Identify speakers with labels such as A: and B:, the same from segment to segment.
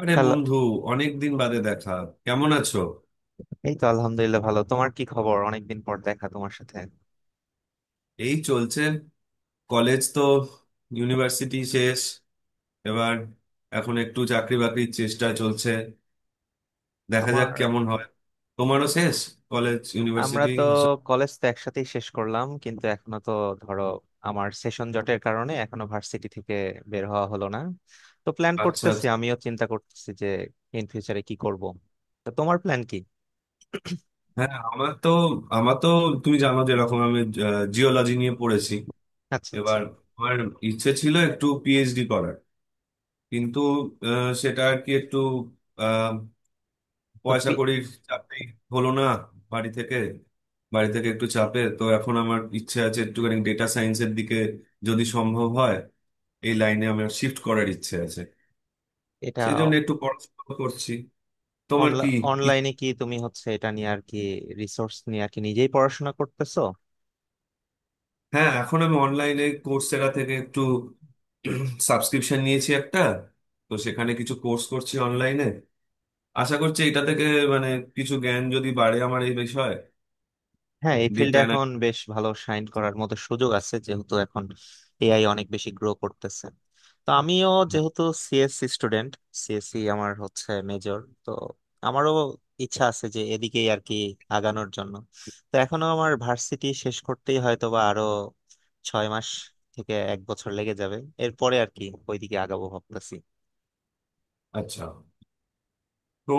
A: আরে
B: হ্যালো।
A: বন্ধু! অনেক দিন বাদে দেখা। কেমন আছো?
B: এই তো আলহামদুলিল্লাহ, ভালো। তোমার কি খবর? অনেকদিন পর দেখা তোমার সাথে।
A: এই চলছে। কলেজ তো, ইউনিভার্সিটি শেষ এবার। এখন একটু চাকরি বাকরির চেষ্টা চলছে। দেখা যাক
B: আমার
A: কেমন হয়। তোমারও শেষ কলেজ
B: আমরা
A: ইউনিভার্সিটি?
B: তো কলেজ তো একসাথেই শেষ করলাম, কিন্তু এখনো তো ধরো আমার সেশন জটের কারণে এখনো ভার্সিটি থেকে বের হওয়া হলো না। তো প্ল্যান
A: আচ্ছা
B: করতেছি,
A: আচ্ছা।
B: আমিও চিন্তা করতেছি যে ইন ফিউচারে কি করব। তো তোমার প্ল্যান কি?
A: হ্যাঁ, আমার তো তুমি জানো যেরকম আমি জিওলজি নিয়ে পড়েছি।
B: আচ্ছা, আচ্ছা।
A: এবার আমার ইচ্ছে ছিল একটু পিএইচডি করার, কিন্তু সেটা আর কি একটু
B: তো
A: পয়সা
B: পি-
A: কড়ির চাপেই হলো না। বাড়ি থেকে বাড়ি থেকে একটু চাপে, তো এখন আমার ইচ্ছে আছে একটুখানি ডেটা সায়েন্সের দিকে, যদি সম্ভব হয় এই লাইনে আমার শিফট করার ইচ্ছে আছে।
B: এটা
A: সেই জন্য একটু পড়াশোনা করছি। তোমার কি? ই-
B: অনলাইনে কি তুমি হচ্ছে এটা নিয়ে আর কি রিসোর্স নিয়ে আর কি নিজেই পড়াশোনা করতেছো?
A: হ্যাঁ, এখন আমি অনলাইনে কোর্সেরা থেকে একটু সাবস্ক্রিপশন নিয়েছি একটা। তো সেখানে কিছু কোর্স করছি অনলাইনে। আশা করছি এটা থেকে মানে কিছু জ্ঞান যদি বাড়ে আমার এই বিষয়ে।
B: হ্যাঁ, এই ফিল্ডে
A: ডেটা।
B: এখন বেশ ভালো শাইন করার মতো সুযোগ আছে, যেহেতু এখন এআই অনেক বেশি গ্রো করতেছে। তো আমিও যেহেতু সিএসসি স্টুডেন্ট, সিএসসি আমার হচ্ছে মেজর, তো আমারও ইচ্ছা আছে যে এদিকেই আর কি আগানোর জন্য। তো এখনো আমার ভার্সিটি শেষ করতেই হয়তো বা আরো 6 মাস থেকে এক বছর লেগে যাবে। এরপরে আর কি ওইদিকে আগাবো ভাবতেছি।
A: আচ্ছা, তো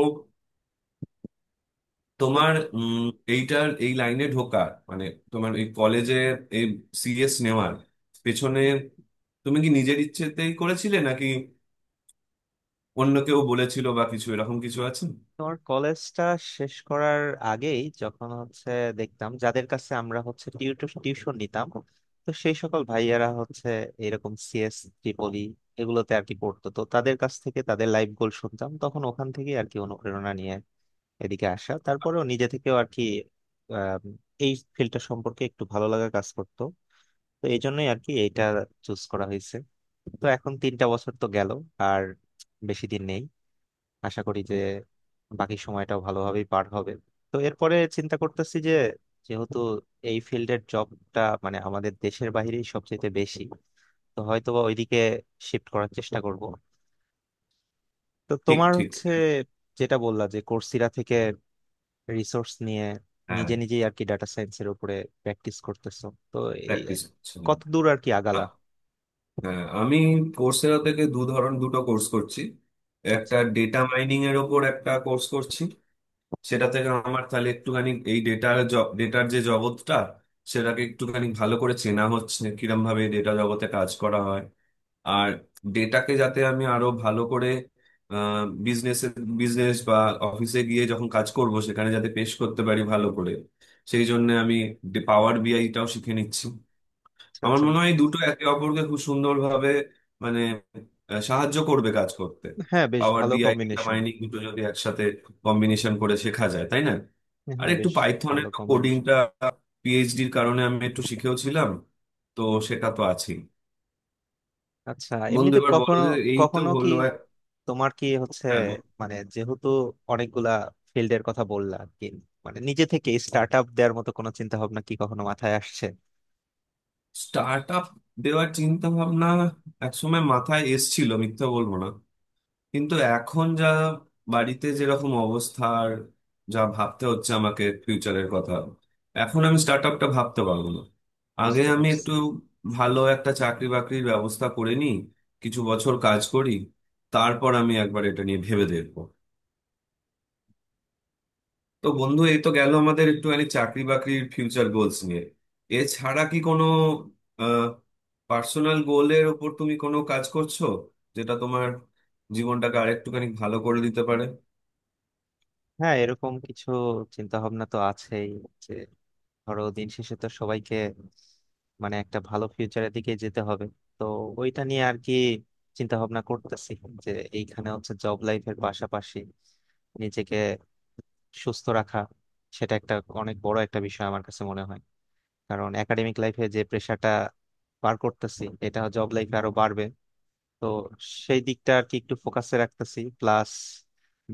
A: তোমার এইটার, এই লাইনে ঢোকার, মানে তোমার এই কলেজে এই সিএস নেওয়ার পেছনে তুমি কি নিজের ইচ্ছেতেই করেছিলে নাকি অন্য কেউ বলেছিল বা কিছু, এরকম কিছু আছে?
B: তোমার কলেজটা শেষ করার আগেই যখন হচ্ছে দেখতাম যাদের কাছে আমরা হচ্ছে টিউশন নিতাম, তো সেই সকল ভাইয়ারা হচ্ছে এরকম সিএস ট্রিপলি এগুলোতে আর কি পড়তো, তো তাদের কাছ থেকে তাদের লাইফ গোল শুনতাম, তখন ওখান থেকে আর কি অনুপ্রেরণা নিয়ে এদিকে আসা। তারপরেও নিজে থেকেও আর কি আহ এই ফিল্ডটা সম্পর্কে একটু ভালো লাগা কাজ করতো, তো এই জন্যই আর কি এইটা চুজ করা হয়েছে। তো এখন 3টা বছর তো গেল, আর বেশি দিন নেই, আশা করি যে বাকি সময়টাও ভালোভাবেই পার হবে। তো এরপরে চিন্তা করতেছি যে যেহেতু এই ফিল্ডের জবটা মানে আমাদের দেশের বাইরেই সবচেয়ে বেশি, তো হয়তোবা ওইদিকে শিফট করার চেষ্টা করব। তো
A: ঠিক
B: তোমার
A: ঠিক।
B: হচ্ছে যেটা বললা যে কোর্সেরা থেকে রিসোর্স নিয়ে
A: হ্যাঁ,
B: নিজে নিজেই আর কি ডাটা সায়েন্সের উপরে প্র্যাকটিস করতেছো, তো এই
A: প্র্যাকটিস করছি।
B: কত দূর আর কি
A: আ-
B: আগালা?
A: হ্যাঁ, আমি কোর্সেরা থেকে দু ধরন দুটো কোর্স করছি। একটা
B: আচ্ছা,
A: ডেটা মাইনিং এর ওপর একটা কোর্স করছি। সেটা থেকে আমার তাহলে একটুখানি এই ডেটার ডেটার যে জগৎটা, সেটাকে একটুখানি ভালো করে চেনা হচ্ছে কিরম ভাবে ডেটা জগতে কাজ করা হয়। আর ডেটাকে যাতে আমি আরো ভালো করে বিজনেসে বিজনেস বা অফিসে গিয়ে যখন কাজ করব সেখানে যাতে পেশ করতে পারি ভালো করে, সেই জন্য আমি পাওয়ার বিআইটাও শিখে নিচ্ছি।
B: আচ্ছা,
A: আমার
B: আচ্ছা।
A: মনে হয় এই দুটো একে অপরকে খুব সুন্দরভাবে, মানে সাহায্য করবে কাজ করতে।
B: হ্যাঁ, বেশ
A: পাওয়ার
B: ভালো
A: বিআই, ডেটা
B: কম্বিনেশন।
A: মাইনিং দুটো যদি একসাথে কম্বিনেশন করে শেখা যায়, তাই না? আর
B: হ্যাঁ,
A: একটু
B: বেশ
A: পাইথনের
B: ভালো কম্বিনেশন।
A: কোডিংটা পিএইচডির কারণে আমি একটু শিখেও ছিলাম, তো সেটা তো আছেই।
B: আচ্ছা,
A: বন্ধু
B: এমনিতে
A: এবার বলো,
B: কখনো
A: যে এই তো
B: কখনো কি
A: হলো।
B: তোমার কি হচ্ছে
A: হ্যাঁ, বল।
B: মানে, যেহেতু অনেকগুলা ফিল্ডের কথা বললা আর কি, মানে নিজে থেকে স্টার্ট আপ দেওয়ার মতো কোনো চিন্তা ভাবনা কি কখনো মাথায় আসছে?
A: স্টার্ট আপ দেওয়ার চিন্তা ভাবনা একসময় মাথায় এসছিল, মিথ্যা বলবো না। কিন্তু এখন যা বাড়িতে যেরকম অবস্থা, আর যা ভাবতে হচ্ছে আমাকে ফিউচারের কথা, এখন আমি স্টার্ট আপটা ভাবতে পারবো না। আগে
B: বুঝতে
A: আমি
B: পারছি।
A: একটু ভালো একটা চাকরি বাকরির ব্যবস্থা করে নিই, কিছু বছর কাজ করি, তারপর আমি একবার এটা নিয়ে ভেবে দেখবো। তো বন্ধু, এই তো গেল আমাদের একটুখানি চাকরি বাকরির ফিউচার গোলস নিয়ে। এছাড়া কি কোনো পার্সোনাল গোলের ওপর তুমি কোনো কাজ করছো যেটা তোমার জীবনটাকে আরেকটুখানি ভালো করে দিতে পারে?
B: হ্যাঁ, এরকম কিছু চিন্তা ভাবনা তো আছেই যে ধরো দিন শেষে তো সবাইকে মানে একটা ভালো ফিউচারের দিকে যেতে হবে। তো ওইটা নিয়ে আর কি চিন্তা ভাবনা করতেছি যে এইখানে হচ্ছে জব লাইফের পাশাপাশি নিজেকে সুস্থ রাখা, সেটা একটা অনেক বড় একটা বিষয় আমার কাছে মনে হয়। কারণ একাডেমিক লাইফে যে প্রেশারটা পার করতেছি, এটা জব লাইফে আরো বাড়বে। তো সেই দিকটা আর কি একটু ফোকাসে রাখতেছি, প্লাস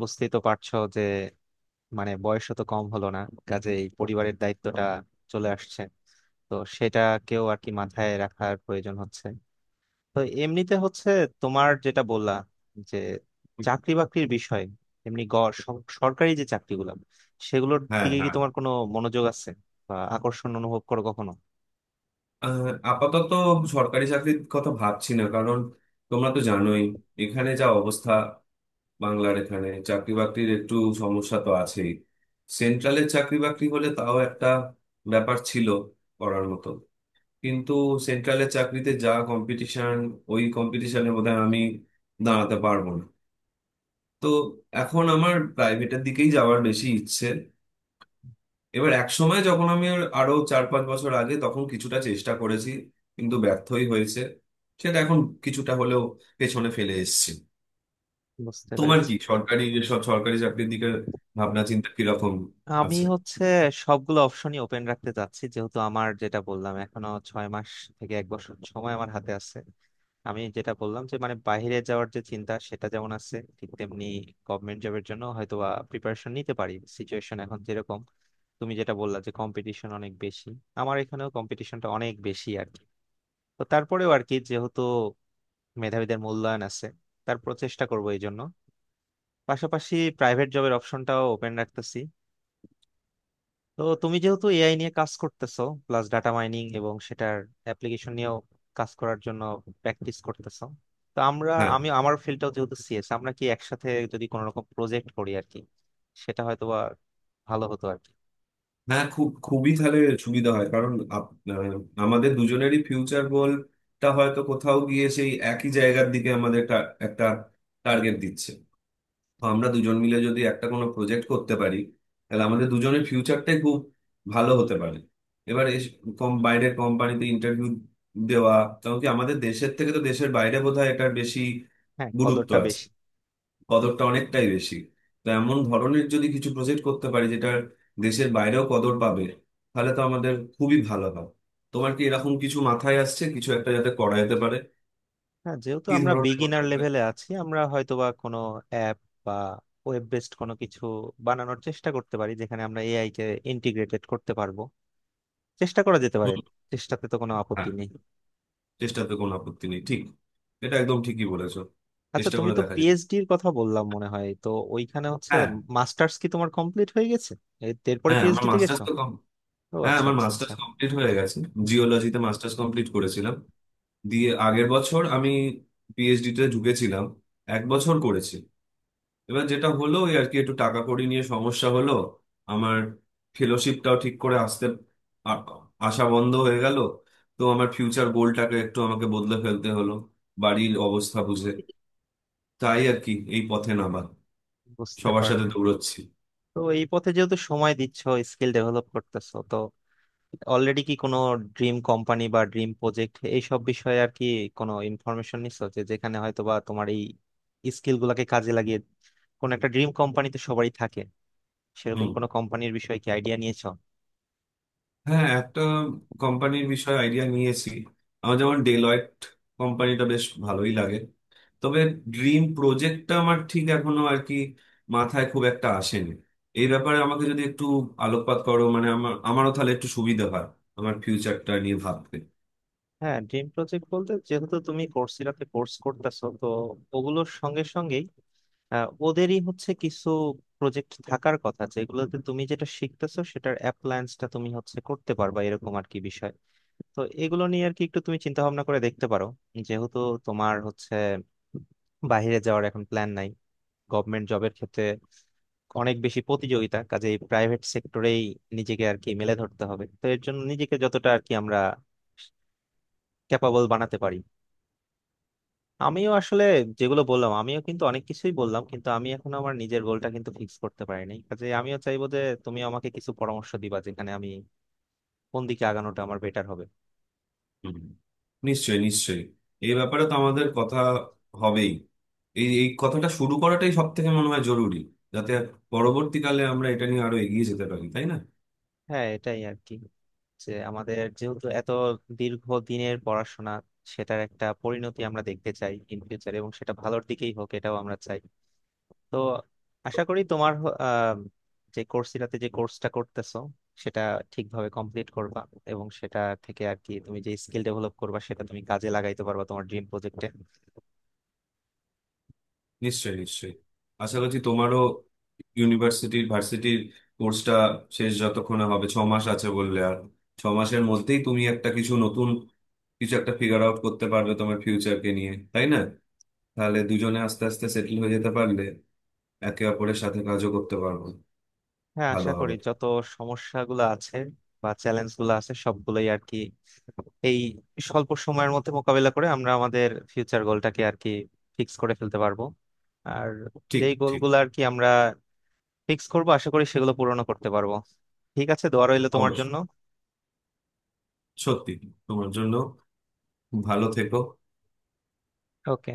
B: বুঝতেই তো পারছো যে মানে বয়সও তো কম হলো না, কাজে এই পরিবারের দায়িত্বটা চলে আসছে, তো সেটাকেও আর কি মাথায় রাখার প্রয়োজন হচ্ছে। তো এমনিতে হচ্ছে তোমার যেটা বললা যে চাকরি বাকরির বিষয়, এমনি সরকারি যে চাকরিগুলো সেগুলোর
A: হ্যাঁ,
B: দিকে কি
A: হ্যাঁ।
B: তোমার কোনো মনোযোগ আছে বা আকর্ষণ অনুভব করো কখনো?
A: আহ, আপাতত সরকারি চাকরির কথা ভাবছি না, কারণ তোমরা তো জানোই এখানে যা অবস্থা। বাংলার এখানে চাকরি বাকরির একটু সমস্যা তো আছেই। সেন্ট্রালের চাকরি বাকরি হলে তাও একটা ব্যাপার ছিল করার মতো, কিন্তু সেন্ট্রালের চাকরিতে যা কম্পিটিশন, ওই কম্পিটিশনের মধ্যে আমি দাঁড়াতে পারবো না। তো এখন আমার প্রাইভেটের দিকেই যাওয়ার বেশি ইচ্ছে। এবার এক সময়, যখন আমি আরো 4-5 বছর আগে, তখন কিছুটা চেষ্টা করেছি, কিন্তু ব্যর্থই হয়েছে। সেটা এখন কিছুটা হলেও পেছনে ফেলে এসেছি।
B: বুঝতে
A: তোমার
B: পেরেছি।
A: কি সরকারি, এসব সরকারি চাকরির দিকে ভাবনা চিন্তা কিরকম
B: আমি
A: আছে?
B: হচ্ছে সবগুলো অপশনই ওপেন রাখতে চাচ্ছি, যেহেতু আমার যেটা বললাম এখনো 6 মাস থেকে এক বছর সময় আমার হাতে আছে। আমি যেটা বললাম যে মানে বাইরে যাওয়ার যে চিন্তা সেটা যেমন আছে, ঠিক তেমনি গভর্নমেন্ট জবের জন্য হয়তো বা প্রিপারেশন নিতে পারি, সিচুয়েশন এখন যেরকম। তুমি যেটা বললা যে কম্পিটিশন অনেক বেশি, আমার এখানেও কম্পিটিশনটা অনেক বেশি আর কি। তো তারপরেও আর কি যেহেতু মেধাবীদের মূল্যায়ন আছে, তার প্রচেষ্টা করবো। এই জন্য পাশাপাশি প্রাইভেট জবের অপশনটাও ওপেন রাখতেছি। তো তুমি যেহেতু এআই নিয়ে কাজ করতেছো প্লাস ডাটা মাইনিং এবং সেটার অ্যাপ্লিকেশন নিয়েও কাজ করার জন্য প্র্যাকটিস করতেছো, তো আমরা
A: হ্যাঁ,
B: আমি আমার ফিল্ডটাও যেহেতু সিএস, আমরা কি একসাথে যদি কোনো রকম প্রজেক্ট করি আর কি, সেটা হয়তো বা ভালো হতো আর কি।
A: হ্যাঁ, খুব খুবই তাহলে সুবিধা হয়, কারণ আমাদের দুজনেরই ফিউচার গোলটা হয়তো কোথাও গিয়ে সেই একই জায়গার দিকে আমাদের একটা টার্গেট দিচ্ছে। তো আমরা দুজন মিলে যদি একটা কোনো প্রজেক্ট করতে পারি তাহলে আমাদের দুজনের ফিউচারটাই খুব ভালো হতে পারে। এবার কম বাইরের কোম্পানিতে ইন্টারভিউ দেওয়া, কারণ কি আমাদের দেশের থেকে তো দেশের বাইরে বোধহয় এটার বেশি
B: হ্যাঁ,
A: গুরুত্ব
B: কদরটা
A: আছে,
B: বেশি।
A: কদরটা অনেকটাই বেশি। তো এমন ধরনের যদি কিছু প্রজেক্ট করতে পারি যেটা দেশের বাইরেও কদর পাবে, তাহলে তো আমাদের খুবই ভালো হয়। তোমার কি এরকম কিছু মাথায় আসছে, কিছু একটা যাতে করা যেতে পারে?
B: হ্যাঁ, যেহেতু
A: কি
B: আমরা
A: ধরনের হতে
B: বিগিনার
A: পারে?
B: লেভেলে আছি, আমরা হয়তোবা কোনো অ্যাপ বা ওয়েব বেসড কোনো কিছু বানানোর চেষ্টা করতে পারি, যেখানে আমরা এআই কে ইন্টিগ্রেটেড করতে পারবো। চেষ্টা করা যেতে পারে।
A: হুম।
B: চেষ্টাতে তো কোনো আপত্তি
A: হ্যাঁ,
B: নেই।
A: চেষ্টাতে কোনো আপত্তি নেই, ঠিক। এটা একদম ঠিকই বলেছো।
B: আচ্ছা,
A: চেষ্টা
B: তুমি
A: করে
B: তো
A: দেখা যায়।
B: পিএইচডি এর কথা বললাম মনে হয় তো, ওইখানে হচ্ছে
A: হ্যাঁ।
B: মাস্টার্স কি তোমার কমপ্লিট হয়ে গেছে এরপরে
A: হ্যাঁ, আমার
B: পিএইচডি তে
A: মাস্টার্স
B: গেছো?
A: তো কম।
B: ও
A: হ্যাঁ,
B: আচ্ছা,
A: আমার
B: আচ্ছা, আচ্ছা।
A: মাস্টার্স কমপ্লিট হয়ে গেছে। জিওলজিতে মাস্টার্স কমপ্লিট করেছিলাম। দিয়ে আগের বছর আমি পিএইচডিতে ঢুকেছিলাম। 1 বছর করেছি। এবার যেটা হলো, ওই আর কি একটু টাকা কড়ি নিয়ে সমস্যা হলো। আমার ফেলোশিপটাও ঠিক করে আসতে, আ- আসা বন্ধ হয়ে গেল। তো আমার ফিউচার গোলটাকে একটু আমাকে বদলে ফেলতে হলো বাড়ির অবস্থা বুঝে। তাই আর কি এই পথে নামা।
B: বুঝতে
A: সবার সাথে
B: পারলাম।
A: দৌড়চ্ছি।
B: তো এই পথে যেহেতু সময় দিচ্ছ, স্কিল ডেভেলপ করতেছো, তো অলরেডি কি কোনো ড্রিম কোম্পানি বা ড্রিম প্রজেক্ট এইসব বিষয়ে আর কি কোনো ইনফরমেশন নিছো, যে যেখানে হয়তো বা তোমার এই স্কিল গুলাকে কাজে লাগিয়ে কোন একটা ড্রিম কোম্পানি তো সবারই থাকে, সেরকম
A: হুম।
B: কোনো কোম্পানির বিষয়ে কি আইডিয়া নিয়েছো?
A: হ্যাঁ, একটা কোম্পানির বিষয়ে আইডিয়া নিয়েছি। আমার যেমন ডেলয়েট কোম্পানিটা বেশ ভালোই লাগে। তবে ড্রিম প্রজেক্টটা আমার ঠিক এখনো আর কি মাথায় খুব একটা আসেনি। এই ব্যাপারে আমাকে যদি একটু আলোকপাত করো, মানে আমারও তাহলে একটু সুবিধা হয় আমার ফিউচারটা নিয়ে ভাবতে।
B: হ্যাঁ, ড্রিম প্রজেক্ট বলতে যেহেতু তুমি কোর্সেরাতে কোর্স করতেছো, তো ওগুলোর সঙ্গে সঙ্গেই ওদেরই হচ্ছে কিছু প্রজেক্ট থাকার কথা, যেগুলোতে তুমি যেটা শিখতেছো সেটার অ্যাপ্লায়েন্সটা তুমি হচ্ছে করতে পারবা, এরকম আর কি বিষয়। তো এগুলো নিয়ে আর কি একটু তুমি চিন্তা ভাবনা করে দেখতে পারো, যেহেতু তোমার হচ্ছে বাইরে যাওয়ার এখন প্ল্যান নাই, গভর্নমেন্ট জবের ক্ষেত্রে অনেক বেশি প্রতিযোগিতা, কাজে এই প্রাইভেট সেক্টরেই নিজেকে আর কি মেলে ধরতে হবে। তো এর জন্য নিজেকে যতটা আর কি আমরা ক্যাপাবল বানাতে পারি। আমিও আসলে যেগুলো বললাম, আমিও কিন্তু অনেক কিছুই বললাম, কিন্তু আমি এখন আমার নিজের গোলটা কিন্তু ফিক্স করতে পারি নাই, কাজে আমিও চাইবো যে তুমি আমাকে কিছু পরামর্শ দিবা যেখানে আমি কোন দিকে আগানোটা আমার বেটার হবে।
A: হুম। নিশ্চয়ই, নিশ্চয়ই। এই ব্যাপারে তো আমাদের কথা হবেই। এই এই কথাটা শুরু করাটাই সব থেকে মনে হয় জরুরি, যাতে পরবর্তীকালে আমরা এটা নিয়ে আরো এগিয়ে যেতে পারি, তাই না?
B: হ্যাঁ, এটাই আর কি যে আমাদের যেহেতু এত দীর্ঘ দিনের পড়াশোনা, সেটার একটা পরিণতি আমরা দেখতে চাই ইন ফিউচার, এবং সেটা ভালোর দিকেই হোক এটাও আমরা চাই। তো আশা করি তোমার যে কোর্সটা করতেছো সেটা ঠিকভাবে কমপ্লিট করবা, এবং সেটা থেকে আর কি তুমি যে স্কিল ডেভেলপ করবা সেটা তুমি কাজে লাগাইতে পারবা তোমার ড্রিম প্রজেক্টে।
A: নিশ্চয়ই, নিশ্চয়ই। আশা করছি তোমারও ভার্সিটির কোর্সটা শেষ যতক্ষণে হবে, 6 মাস আছে বললে, আর 6 মাসের মধ্যেই তুমি একটা কিছু নতুন, কিছু একটা ফিগার আউট করতে পারবে তোমার ফিউচারকে নিয়ে, তাই না? তাহলে দুজনে আস্তে আস্তে সেটেল হয়ে যেতে পারলে একে অপরের সাথে কাজও করতে পারবো।
B: হ্যাঁ, আশা
A: ভালো
B: করি
A: হবে।
B: যত সমস্যাগুলো আছে বা চ্যালেঞ্জ গুলো আছে সবগুলোই আর কি এই স্বল্প সময়ের মধ্যে মোকাবিলা করে আমরা আমাদের ফিউচার গোলটাকে আর কি ফিক্স করে ফেলতে পারবো। আর
A: ঠিক,
B: যেই
A: ঠিক।
B: গোলগুলো আর কি আমরা ফিক্স করবো, আশা করি সেগুলো পূরণও করতে পারবো। ঠিক আছে, দোয়া রইলো তোমার
A: অবশ্যই,
B: জন্য।
A: সত্যি। তোমার জন্য ভালো থেকো।
B: ওকে।